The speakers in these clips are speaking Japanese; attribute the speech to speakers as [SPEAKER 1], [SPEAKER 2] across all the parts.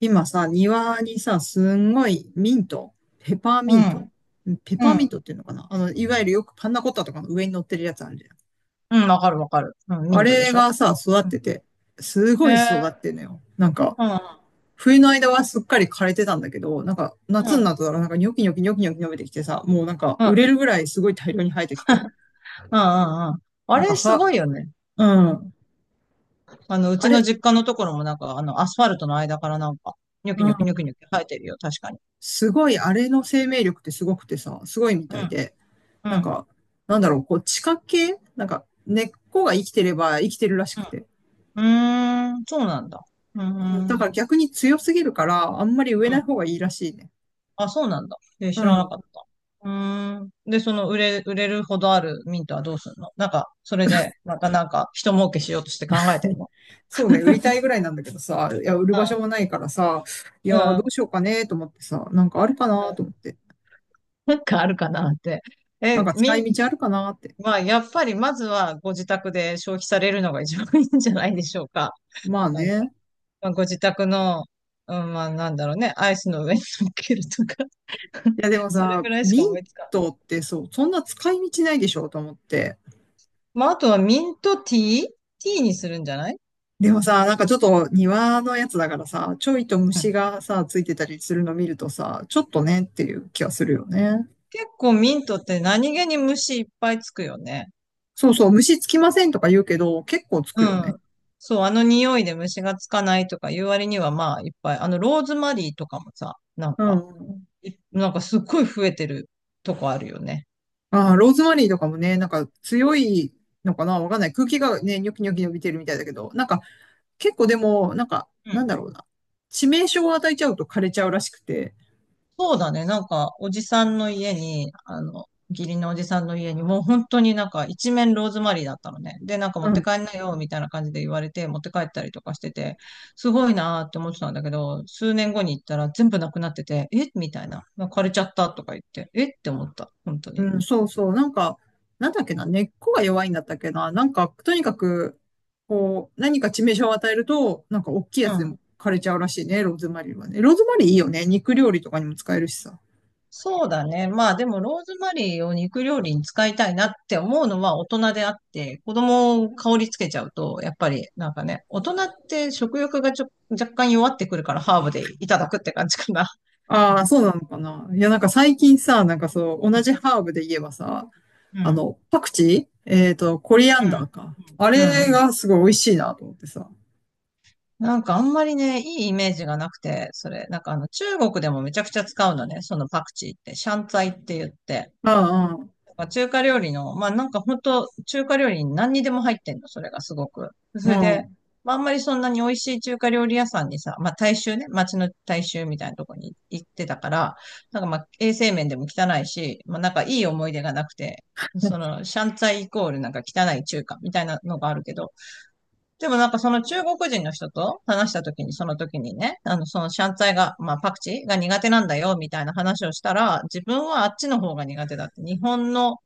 [SPEAKER 1] 今さ、庭にさ、すんごいミント、ペパー
[SPEAKER 2] う
[SPEAKER 1] ミント、
[SPEAKER 2] ん。
[SPEAKER 1] ペ
[SPEAKER 2] う
[SPEAKER 1] パーミン
[SPEAKER 2] ん。
[SPEAKER 1] トっていうのかないわゆるよくパンナコッタとかの上に乗ってるやつあるじゃん。
[SPEAKER 2] うん。わかるわかる。うん。ミ
[SPEAKER 1] あ
[SPEAKER 2] ントで
[SPEAKER 1] れ
[SPEAKER 2] しょ？
[SPEAKER 1] がさ、育っ
[SPEAKER 2] う
[SPEAKER 1] てて、す
[SPEAKER 2] ん。
[SPEAKER 1] ごい育ってんのよ。
[SPEAKER 2] う
[SPEAKER 1] 冬の間はすっかり枯れてたんだけど、
[SPEAKER 2] ん。
[SPEAKER 1] 夏
[SPEAKER 2] う
[SPEAKER 1] に
[SPEAKER 2] ん。
[SPEAKER 1] なったらなんかニョキニョキニョキニョキ伸びてきてさ、もう
[SPEAKER 2] うん。うん。
[SPEAKER 1] 売
[SPEAKER 2] う
[SPEAKER 1] れるぐらいすごい大量に生えてきて、
[SPEAKER 2] んうん。あ
[SPEAKER 1] なんか、
[SPEAKER 2] れ、す
[SPEAKER 1] は、
[SPEAKER 2] ごいよね。
[SPEAKER 1] う
[SPEAKER 2] うん。
[SPEAKER 1] ん、
[SPEAKER 2] う
[SPEAKER 1] あ
[SPEAKER 2] ちの
[SPEAKER 1] れ、
[SPEAKER 2] 実家のところもなんか、アスファルトの間からなんか、ニョキ
[SPEAKER 1] う
[SPEAKER 2] ニ
[SPEAKER 1] ん、
[SPEAKER 2] ョキニョキニョキ生えてるよ。確かに。
[SPEAKER 1] すごい、あれの生命力ってすごくてさ、すごいみ
[SPEAKER 2] う
[SPEAKER 1] たい
[SPEAKER 2] ん。
[SPEAKER 1] で、
[SPEAKER 2] う
[SPEAKER 1] なん
[SPEAKER 2] ん。
[SPEAKER 1] か、地下系根っこが生きてれば生きてるらし
[SPEAKER 2] う
[SPEAKER 1] くて。
[SPEAKER 2] ん。うーん。そうなんだ。うーん。う
[SPEAKER 1] だか
[SPEAKER 2] ん。
[SPEAKER 1] ら逆に強すぎるから、あんまり植えない方がいいらしいね。
[SPEAKER 2] あ、そうなんだ。え、
[SPEAKER 1] う
[SPEAKER 2] 知らな
[SPEAKER 1] ん。
[SPEAKER 2] かった。うーん。で、売れるほどあるミントはどうすんの？なんか、それで、またなんか、人儲けしようとして考えてる の？
[SPEAKER 1] そうね、売りたいぐらいなんだけどさ、いや、売る場所もないからさ、い
[SPEAKER 2] う
[SPEAKER 1] や
[SPEAKER 2] ん。
[SPEAKER 1] ー、ど
[SPEAKER 2] う
[SPEAKER 1] う
[SPEAKER 2] ん。
[SPEAKER 1] しようかね、と思ってさ、なんかあるか
[SPEAKER 2] う
[SPEAKER 1] な、と
[SPEAKER 2] ん。
[SPEAKER 1] 思って。
[SPEAKER 2] なんかあるかなって。
[SPEAKER 1] なん
[SPEAKER 2] え、
[SPEAKER 1] か使
[SPEAKER 2] みん、
[SPEAKER 1] い道あるかな、って。
[SPEAKER 2] まあ、やっぱりまずはご自宅で消費されるのが一番いいんじゃないでしょうか。
[SPEAKER 1] まあ
[SPEAKER 2] なんか、
[SPEAKER 1] ね。
[SPEAKER 2] まあ、ご自宅の、うん、まあ、なんだろうね、アイスの上に乗っけるとか
[SPEAKER 1] い や、でも
[SPEAKER 2] それ
[SPEAKER 1] さ、
[SPEAKER 2] ぐらいし
[SPEAKER 1] ミ
[SPEAKER 2] か思
[SPEAKER 1] ン
[SPEAKER 2] いつかない。
[SPEAKER 1] トってそう、そんな使い道ないでしょ、と思って。
[SPEAKER 2] まあ、あとはミントティー、ティーにするんじゃない？
[SPEAKER 1] でもさ、なんかちょっと庭のやつだからさ、ちょいと
[SPEAKER 2] うん。
[SPEAKER 1] 虫がさ、ついてたりするの見るとさ、ちょっとねっていう気がするよね。
[SPEAKER 2] 結構ミントって何気に虫いっぱいつくよね。
[SPEAKER 1] そうそう、虫つきませんとか言うけど、結構つく
[SPEAKER 2] う
[SPEAKER 1] よね。
[SPEAKER 2] ん。そう、あの匂いで虫がつかないとかいう割にはまあいっぱい。あのローズマリーとかもさ、なん
[SPEAKER 1] うん
[SPEAKER 2] か
[SPEAKER 1] うん。
[SPEAKER 2] なんかすっごい増えてるとこあるよね。
[SPEAKER 1] ああ、ローズマリーとかもね、なんか強いのかなわかんない。空気がね、ニョキニョキ伸びてるみたいだけど、なんか結構でも、
[SPEAKER 2] う
[SPEAKER 1] なん
[SPEAKER 2] ん。
[SPEAKER 1] だろうな。致命傷を与えちゃうと枯れちゃうらしくて。
[SPEAKER 2] そうだね。なんか、おじさんの家に、義理のおじさんの家に、もう本当になんか一面ローズマリーだったのね。で、なんか持って帰んなよ、みたいな感じで言われて、持って帰ったりとかしてて、すごいなーって思ってたんだけど、数年後に行ったら全部なくなってて、えみたいな。枯れちゃったとか言って、えって思った。本当に。
[SPEAKER 1] うん、そうそう。なんか、なんだっけな、根っこが弱いんだったっけな。なんか、とにかく、こう、何か致命傷を与えると、なんか大きいやつでも枯れちゃうらしいね、ローズマリーはね。ローズマリーいいよね。肉料理とかにも使えるしさ。
[SPEAKER 2] そうだね。まあでもローズマリーを肉料理に使いたいなって思うのは大人であって、子供を香りつけちゃうと、やっぱりなんかね、大人って食欲が若干弱ってくるからハーブでいただくって感じかな。
[SPEAKER 1] ああ、そうなのかな。いや、なんか最近さ、なんかそう、同じハーブで言えばさ、
[SPEAKER 2] うん。うん。
[SPEAKER 1] パクチー、コリア
[SPEAKER 2] う
[SPEAKER 1] ンダー
[SPEAKER 2] ん。
[SPEAKER 1] か。あ
[SPEAKER 2] うん
[SPEAKER 1] れ
[SPEAKER 2] うん。
[SPEAKER 1] がすごい美味しいなと思ってさ。
[SPEAKER 2] なんかあんまりね、いいイメージがなくて、それ、なんかあの中国でもめちゃくちゃ使うのね、そのパクチーって、シャンツァイって言って。
[SPEAKER 1] うんう
[SPEAKER 2] なんか中華料理の、まあなんか本当中華料理に何にでも入ってんの、それがすごく。
[SPEAKER 1] ん。う
[SPEAKER 2] それで、
[SPEAKER 1] ん。
[SPEAKER 2] まああんまりそんなに美味しい中華料理屋さんにさ、まあ大衆ね、街の大衆みたいなとこに行ってたから、なんかまあ衛生面でも汚いし、まあなんかいい思い出がなくて、その、シャンツァイイコールなんか汚い中華みたいなのがあるけど、でもなんかその中国人の人と話した時に、その時にね、そのシャンツァイが、まあパクチーが苦手なんだよみたいな話をしたら、自分はあっちの方が苦手だって、日本の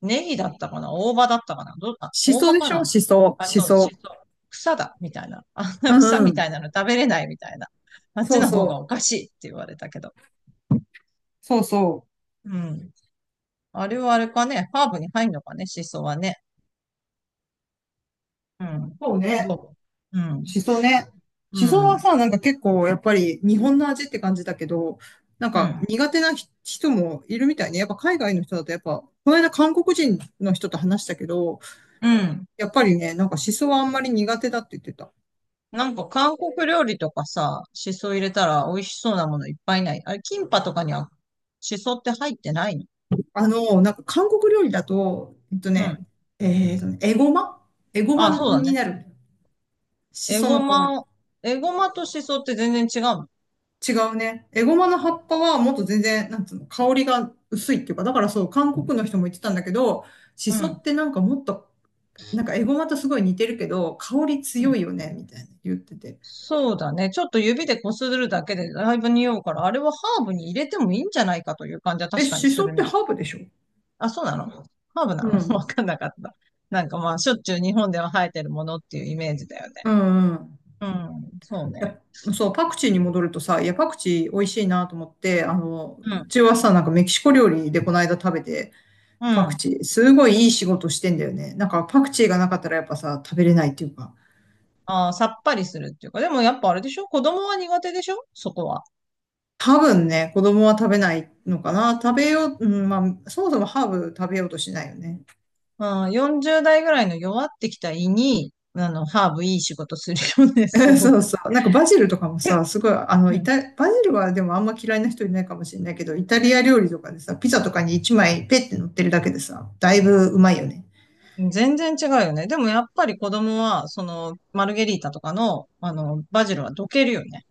[SPEAKER 2] ネギだったかな、大葉だったかな、どうだ、
[SPEAKER 1] シ
[SPEAKER 2] 大
[SPEAKER 1] ソ
[SPEAKER 2] 葉
[SPEAKER 1] で
[SPEAKER 2] か
[SPEAKER 1] しょ
[SPEAKER 2] な？
[SPEAKER 1] シソ、
[SPEAKER 2] あ、
[SPEAKER 1] シ
[SPEAKER 2] そう、
[SPEAKER 1] ソ。
[SPEAKER 2] しそ。草だ、みたいな。あんな
[SPEAKER 1] うん
[SPEAKER 2] 草
[SPEAKER 1] う
[SPEAKER 2] みた
[SPEAKER 1] ん。
[SPEAKER 2] いなの食べれないみたいな。あっち
[SPEAKER 1] そう
[SPEAKER 2] の方
[SPEAKER 1] そう。
[SPEAKER 2] がおかしいって言われたけど。
[SPEAKER 1] そうそ
[SPEAKER 2] うん。あれはあれかね。ハーブに入んのかね、シソはね。うん。
[SPEAKER 1] う。そうね。
[SPEAKER 2] どう。うん。
[SPEAKER 1] しそね。
[SPEAKER 2] う
[SPEAKER 1] しそは
[SPEAKER 2] ん。
[SPEAKER 1] さ、なんか結構やっぱり日本の味って感じだけど、なん
[SPEAKER 2] う
[SPEAKER 1] か
[SPEAKER 2] ん。
[SPEAKER 1] 苦手な人もいるみたいね。やっぱ海外の人だとやっぱ、この間韓国人の人と話したけど、
[SPEAKER 2] うん。
[SPEAKER 1] やっぱりね、なんかしそはあんまり苦手だって言ってた。
[SPEAKER 2] なんか韓国料理とかさ、シソ入れたら美味しそうなものいっぱいない？あれ、キンパとかにはシソって入ってないの？
[SPEAKER 1] なんか韓国料理だと、えっと
[SPEAKER 2] う
[SPEAKER 1] ね、
[SPEAKER 2] ん。
[SPEAKER 1] えーとね、エゴマ
[SPEAKER 2] あ、そうだ
[SPEAKER 1] に
[SPEAKER 2] ね。
[SPEAKER 1] なる。し
[SPEAKER 2] エ
[SPEAKER 1] そ
[SPEAKER 2] ゴ
[SPEAKER 1] の代わり。
[SPEAKER 2] マ、エゴマとシソって全然違うの？
[SPEAKER 1] 違うね。エゴマの葉っぱはもっと全然、なんつうの、香りが薄いっていうか、だからそう、韓国の人も言ってたんだけど、し
[SPEAKER 2] う
[SPEAKER 1] そっ
[SPEAKER 2] ん。
[SPEAKER 1] てなんかもっとなんかエゴマとすごい似てるけど、香り
[SPEAKER 2] うん。
[SPEAKER 1] 強いよね、みたいな言ってて。
[SPEAKER 2] そうだね。ちょっと指でこするだけでだいぶ匂うから、あれはハーブに入れてもいいんじゃないかという感じは
[SPEAKER 1] え、
[SPEAKER 2] 確かに
[SPEAKER 1] シ
[SPEAKER 2] す
[SPEAKER 1] ソっ
[SPEAKER 2] る
[SPEAKER 1] て
[SPEAKER 2] ね。
[SPEAKER 1] ハーブでしょ？
[SPEAKER 2] あ、そうなの？ハーブ
[SPEAKER 1] う
[SPEAKER 2] なの？
[SPEAKER 1] ん。
[SPEAKER 2] わかんなかった。なんかまあ、しょっちゅう日本では生えてるものっていうイメージだよね。
[SPEAKER 1] うんうん。
[SPEAKER 2] うん、そう
[SPEAKER 1] いや、
[SPEAKER 2] ね。
[SPEAKER 1] そう、パクチーに戻るとさ、いや、パクチー美味しいなと思って、
[SPEAKER 2] う
[SPEAKER 1] う
[SPEAKER 2] ん、
[SPEAKER 1] ちはさ、なんかメキシコ料理でこの間食べて、
[SPEAKER 2] う
[SPEAKER 1] パク
[SPEAKER 2] ん。
[SPEAKER 1] チー、すごいいい仕事してんだよね。なんかパクチーがなかったらやっぱさ、食べれないっていうか、
[SPEAKER 2] あー、さっぱりするっていうか、でもやっぱあれでしょ？子供は苦手でしょ？そこは。
[SPEAKER 1] 多分ね、子供は食べないのかな。食べよう、うん、まあ、そもそもハーブ食べようとしないよね。
[SPEAKER 2] うん、40代ぐらいの弱ってきた胃に、ハーブいい仕事するよね、
[SPEAKER 1] う
[SPEAKER 2] す
[SPEAKER 1] ん
[SPEAKER 2] ご
[SPEAKER 1] そう
[SPEAKER 2] く。
[SPEAKER 1] そう。なんかバジルとかもさ、すごい、バジルはでもあんま嫌いな人いないかもしれないけど、イタリア料理とかでさ、ピザとかに1枚ペッて乗ってるだけでさ、だいぶうまいよね。
[SPEAKER 2] 全然違うよね。でもやっぱり子供は、マルゲリータとかの、バジルはどけるよね。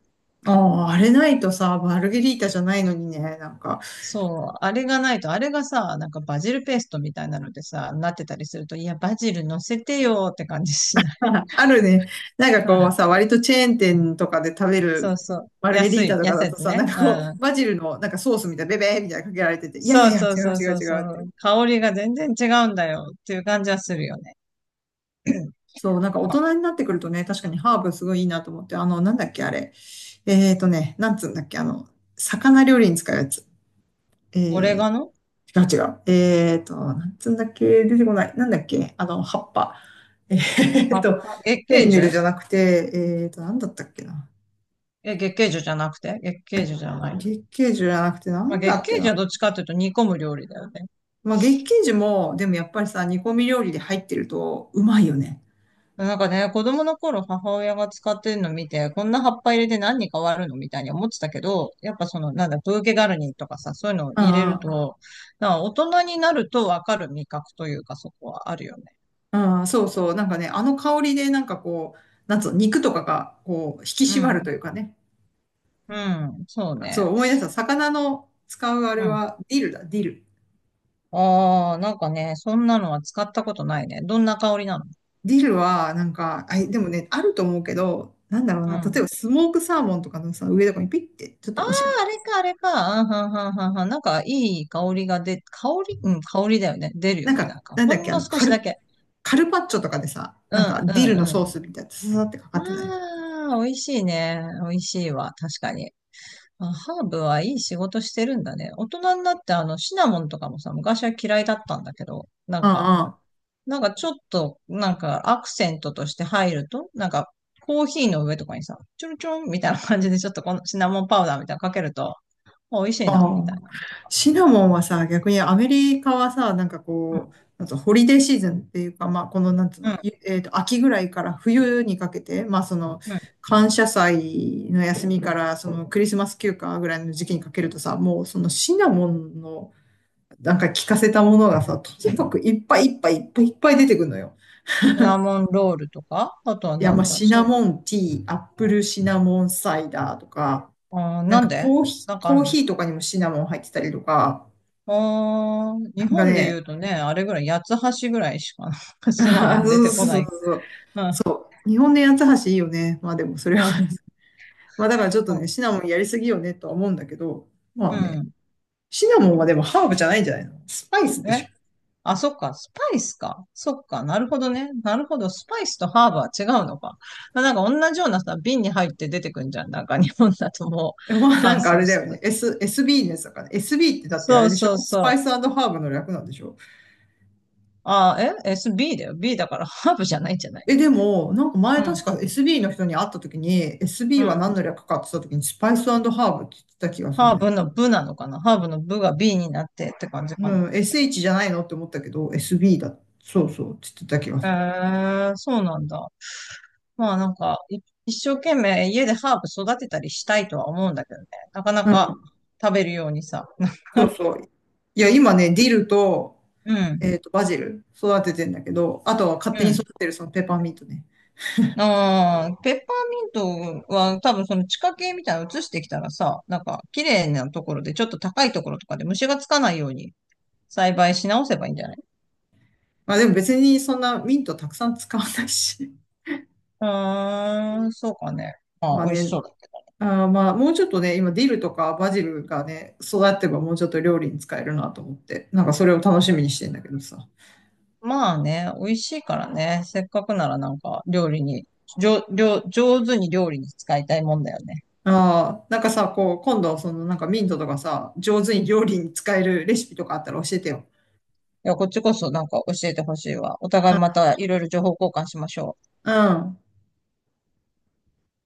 [SPEAKER 1] ああ、あれないとさ、マルゲリータじゃないのにね、なんか、
[SPEAKER 2] そう、あれがないと、あれがさ、なんかバジルペーストみたいなのでさ、なってたりすると、いや、バジル乗せてよーって感じしない？
[SPEAKER 1] あるね、なんか
[SPEAKER 2] う
[SPEAKER 1] こう
[SPEAKER 2] ん、
[SPEAKER 1] さ、割とチェーン店とかで食べ
[SPEAKER 2] そう
[SPEAKER 1] る
[SPEAKER 2] そう。
[SPEAKER 1] マルゲリ
[SPEAKER 2] 安
[SPEAKER 1] ータ
[SPEAKER 2] い、
[SPEAKER 1] とか
[SPEAKER 2] 安い
[SPEAKER 1] だ
[SPEAKER 2] や
[SPEAKER 1] と
[SPEAKER 2] つ
[SPEAKER 1] さ、な
[SPEAKER 2] ね。
[SPEAKER 1] んか
[SPEAKER 2] う
[SPEAKER 1] こう、
[SPEAKER 2] ん。
[SPEAKER 1] バジルのなんかソースみたいな、ベベーみたいなのかけられてて、いやい
[SPEAKER 2] そ
[SPEAKER 1] やい
[SPEAKER 2] う
[SPEAKER 1] や、違
[SPEAKER 2] そう
[SPEAKER 1] う
[SPEAKER 2] そう
[SPEAKER 1] 違う
[SPEAKER 2] そう
[SPEAKER 1] 違
[SPEAKER 2] そ
[SPEAKER 1] うって。
[SPEAKER 2] う。香りが全然違うんだよっていう感じはするよね。
[SPEAKER 1] そう、なんか大
[SPEAKER 2] まあ、
[SPEAKER 1] 人になってくるとね、確かにハーブすごいいいなと思って、あの、なんだっけ、あれ。えーとね、なんつうんだっけ、あの、魚料理に使うやつ。
[SPEAKER 2] オレ
[SPEAKER 1] え
[SPEAKER 2] ガノ？
[SPEAKER 1] 違う違う。えーと、なんつうんだっけ、出てこない。なんだっけ、あの、葉っぱ。
[SPEAKER 2] 葉っ
[SPEAKER 1] フ
[SPEAKER 2] ぱ、月
[SPEAKER 1] ェン
[SPEAKER 2] 桂
[SPEAKER 1] ネ
[SPEAKER 2] 樹？
[SPEAKER 1] ルじゃなくて、えーと、なんだったっけな。
[SPEAKER 2] え、月桂樹じゃなくて、月桂樹じゃない？
[SPEAKER 1] 月桂樹じゃなくて、な
[SPEAKER 2] まあ、
[SPEAKER 1] んだ
[SPEAKER 2] 月
[SPEAKER 1] っけ
[SPEAKER 2] 桂樹
[SPEAKER 1] な。
[SPEAKER 2] はどっちかというと煮込む料理だよね。
[SPEAKER 1] まあ、月桂樹も、でもやっぱりさ、煮込み料理で入ってると、うまいよね。
[SPEAKER 2] なんかね、子供の頃母親が使ってるの見て、こんな葉っぱ入れて何に変わるのみたいに思ってたけど、やっぱその、なんだ、ブーケガルニとかさ、そういうのを
[SPEAKER 1] う
[SPEAKER 2] 入れ
[SPEAKER 1] ん
[SPEAKER 2] る
[SPEAKER 1] うん。
[SPEAKER 2] と、なんか大人になるとわかる味覚というか、そこはあるよね。
[SPEAKER 1] ああ、そうそう。なんかね、あの香りで、なんかこう、なんつうの、肉とかが、こう、引き
[SPEAKER 2] う
[SPEAKER 1] 締まると
[SPEAKER 2] ん。
[SPEAKER 1] いうかね。
[SPEAKER 2] うん。そう
[SPEAKER 1] あそう、
[SPEAKER 2] ね。
[SPEAKER 1] 思い出した。魚の使うあれ
[SPEAKER 2] うん。
[SPEAKER 1] は、ディルだ、ディル。
[SPEAKER 2] ああ、なんかね、そんなのは使ったことないね。どんな香りなの？
[SPEAKER 1] ディルは、なんか、あ、でもね、あると思うけど、なんだろう
[SPEAKER 2] う
[SPEAKER 1] な、例え
[SPEAKER 2] ん。
[SPEAKER 1] ばスモークサーモンとかのさ、上とかにピッて、ちょっ
[SPEAKER 2] あ
[SPEAKER 1] と
[SPEAKER 2] あ、
[SPEAKER 1] おしゃれ。
[SPEAKER 2] あれか、あれか。うん、はんはんはんはん。なんか、いい香り、うん、香りだよね。出る
[SPEAKER 1] な
[SPEAKER 2] よ
[SPEAKER 1] ん
[SPEAKER 2] ね。な
[SPEAKER 1] か、
[SPEAKER 2] んか、
[SPEAKER 1] なん
[SPEAKER 2] ほ
[SPEAKER 1] だっ
[SPEAKER 2] ん
[SPEAKER 1] け、あ
[SPEAKER 2] の
[SPEAKER 1] の、
[SPEAKER 2] 少
[SPEAKER 1] カ
[SPEAKER 2] しだ
[SPEAKER 1] ル、
[SPEAKER 2] け。
[SPEAKER 1] カルパッチョとかでさ、
[SPEAKER 2] う
[SPEAKER 1] な
[SPEAKER 2] ん、
[SPEAKER 1] んか、ディルの
[SPEAKER 2] う
[SPEAKER 1] ソー
[SPEAKER 2] ん、
[SPEAKER 1] スみたいな、ささってかかってない。
[SPEAKER 2] ああ、美味しいね。美味しいわ。確かに。あ、ハーブはいい仕事してるんだね。大人になってあのシナモンとかもさ、昔は嫌いだったんだけど、な
[SPEAKER 1] う
[SPEAKER 2] ん
[SPEAKER 1] ん
[SPEAKER 2] か、
[SPEAKER 1] うん。
[SPEAKER 2] なんかちょっと、なんかアクセントとして入ると、なんかコーヒーの上とかにさ、ちょろちょろみたいな感じでちょっとこのシナモンパウダーみたいなのかけると、あ美味しいな、
[SPEAKER 1] あ
[SPEAKER 2] みたい
[SPEAKER 1] あ、
[SPEAKER 2] なのとか。
[SPEAKER 1] シナモンはさ、逆にアメリカはさ、なんかこう、なんつうのホリデーシーズンっていうか、まあ、この、なんつう
[SPEAKER 2] うん、
[SPEAKER 1] の、
[SPEAKER 2] う
[SPEAKER 1] ゆえっと、秋ぐらいから冬にかけて、まあ、その、
[SPEAKER 2] ん、うん。
[SPEAKER 1] 感謝祭の休みから、その、クリスマス休暇ぐらいの時期にかけるとさ、もう、そのシナモンの、なんか効かせたものがさ、とにかくいっぱい出てくるのよ。
[SPEAKER 2] シナモンロールとか、あとは
[SPEAKER 1] いや、
[SPEAKER 2] な
[SPEAKER 1] まあ、
[SPEAKER 2] んだ、
[SPEAKER 1] シナモンティー、アップルシナモンサイダーとか、
[SPEAKER 2] なんで？なんかあ
[SPEAKER 1] コー
[SPEAKER 2] るの？
[SPEAKER 1] ヒーとかにもシナモン入ってたりとか、
[SPEAKER 2] あー、日
[SPEAKER 1] なんか
[SPEAKER 2] 本で言
[SPEAKER 1] ね、
[SPEAKER 2] うとね、あれぐらい、八つ橋ぐらいしか シナモ
[SPEAKER 1] あー
[SPEAKER 2] ン 出
[SPEAKER 1] そう
[SPEAKER 2] て
[SPEAKER 1] そ
[SPEAKER 2] こな
[SPEAKER 1] う
[SPEAKER 2] い。
[SPEAKER 1] そうそう。
[SPEAKER 2] うん、
[SPEAKER 1] 日本の八つ橋いいよね。まあでもそれ
[SPEAKER 2] う
[SPEAKER 1] は
[SPEAKER 2] ん、
[SPEAKER 1] まあだからちょっと
[SPEAKER 2] うん。
[SPEAKER 1] ね、シナモンやりすぎよねとは思うんだけど、まあ
[SPEAKER 2] う
[SPEAKER 1] ね、
[SPEAKER 2] ん。
[SPEAKER 1] シナモンはでもハーブじゃないんじゃないの？スパイスで
[SPEAKER 2] え、
[SPEAKER 1] しょ。
[SPEAKER 2] あ、そっか、スパイスか。そっか、なるほどね。なるほど、スパイスとハーブは違うのか。なんか同じようなさ、瓶に入って出てくんじゃん。なんか日本だとも
[SPEAKER 1] え、ま
[SPEAKER 2] う
[SPEAKER 1] あ
[SPEAKER 2] 乾
[SPEAKER 1] なんかあ
[SPEAKER 2] 燥
[SPEAKER 1] れだよ
[SPEAKER 2] し
[SPEAKER 1] ね。
[SPEAKER 2] て。
[SPEAKER 1] SB のやつだから、ね。SB ってだってあ
[SPEAKER 2] そ
[SPEAKER 1] れ
[SPEAKER 2] う
[SPEAKER 1] でしょ？
[SPEAKER 2] そう
[SPEAKER 1] ス
[SPEAKER 2] そ
[SPEAKER 1] パ
[SPEAKER 2] う。
[SPEAKER 1] イスハーブの略なんでしょ？
[SPEAKER 2] あー、え？ SB だよ。B だからハーブじゃないんじゃない？
[SPEAKER 1] え、でも、なんか
[SPEAKER 2] う
[SPEAKER 1] 前確
[SPEAKER 2] ん、
[SPEAKER 1] か SB の人に会った時に、
[SPEAKER 2] う
[SPEAKER 1] SB は何
[SPEAKER 2] ん。
[SPEAKER 1] の略かって言った時に、スパイスハーブって言ってた気がするん
[SPEAKER 2] ハー
[SPEAKER 1] だよ。
[SPEAKER 2] ブの部なのかな？ハーブの部が B になってって感じかな。
[SPEAKER 1] うん、SH じゃないのって思ったけど、SB だ。そうそうって言ってた気がする。
[SPEAKER 2] そうなんだ。まあなんか、一生懸命家でハーブ育てたりしたいとは思うんだけどね。なかなか食べるようにさ。
[SPEAKER 1] そう そう。いや、今ね、ディルと、
[SPEAKER 2] うん、
[SPEAKER 1] えっと、バジル育ててんだけど、あとは勝
[SPEAKER 2] う
[SPEAKER 1] 手に
[SPEAKER 2] ん。
[SPEAKER 1] 育てるそのペーパーミントね。
[SPEAKER 2] ああ、ペッパーミントは多分その地下茎みたいなの移してきたらさ、なんか綺麗なところでちょっと高いところとかで虫がつかないように栽培し直せばいいんじゃない？
[SPEAKER 1] まあでも別にそんなミントたくさん使わないし。
[SPEAKER 2] うーん、そうかね。まあ、
[SPEAKER 1] まあ
[SPEAKER 2] 美味し
[SPEAKER 1] ね、
[SPEAKER 2] そうだ。
[SPEAKER 1] あーまあもうちょっとね、今ディルとかバジルがね、育ってばもうちょっと料理に使えるなと思って、なんかそれを楽しみにしてんだけどさ。
[SPEAKER 2] まあね、美味しいからね。せっかくならなんか料理に、じょ、料上手に料理に使いたいもんだよね。
[SPEAKER 1] ああ、なんかさ、こう、今度そのなんかミントとかさ、上手に料理に使えるレシピとかあったら教えてよ。
[SPEAKER 2] いや、こっちこそなんか教えてほしいわ。お
[SPEAKER 1] う
[SPEAKER 2] 互い
[SPEAKER 1] ん。
[SPEAKER 2] またいろいろ情報交換しましょう。
[SPEAKER 1] うん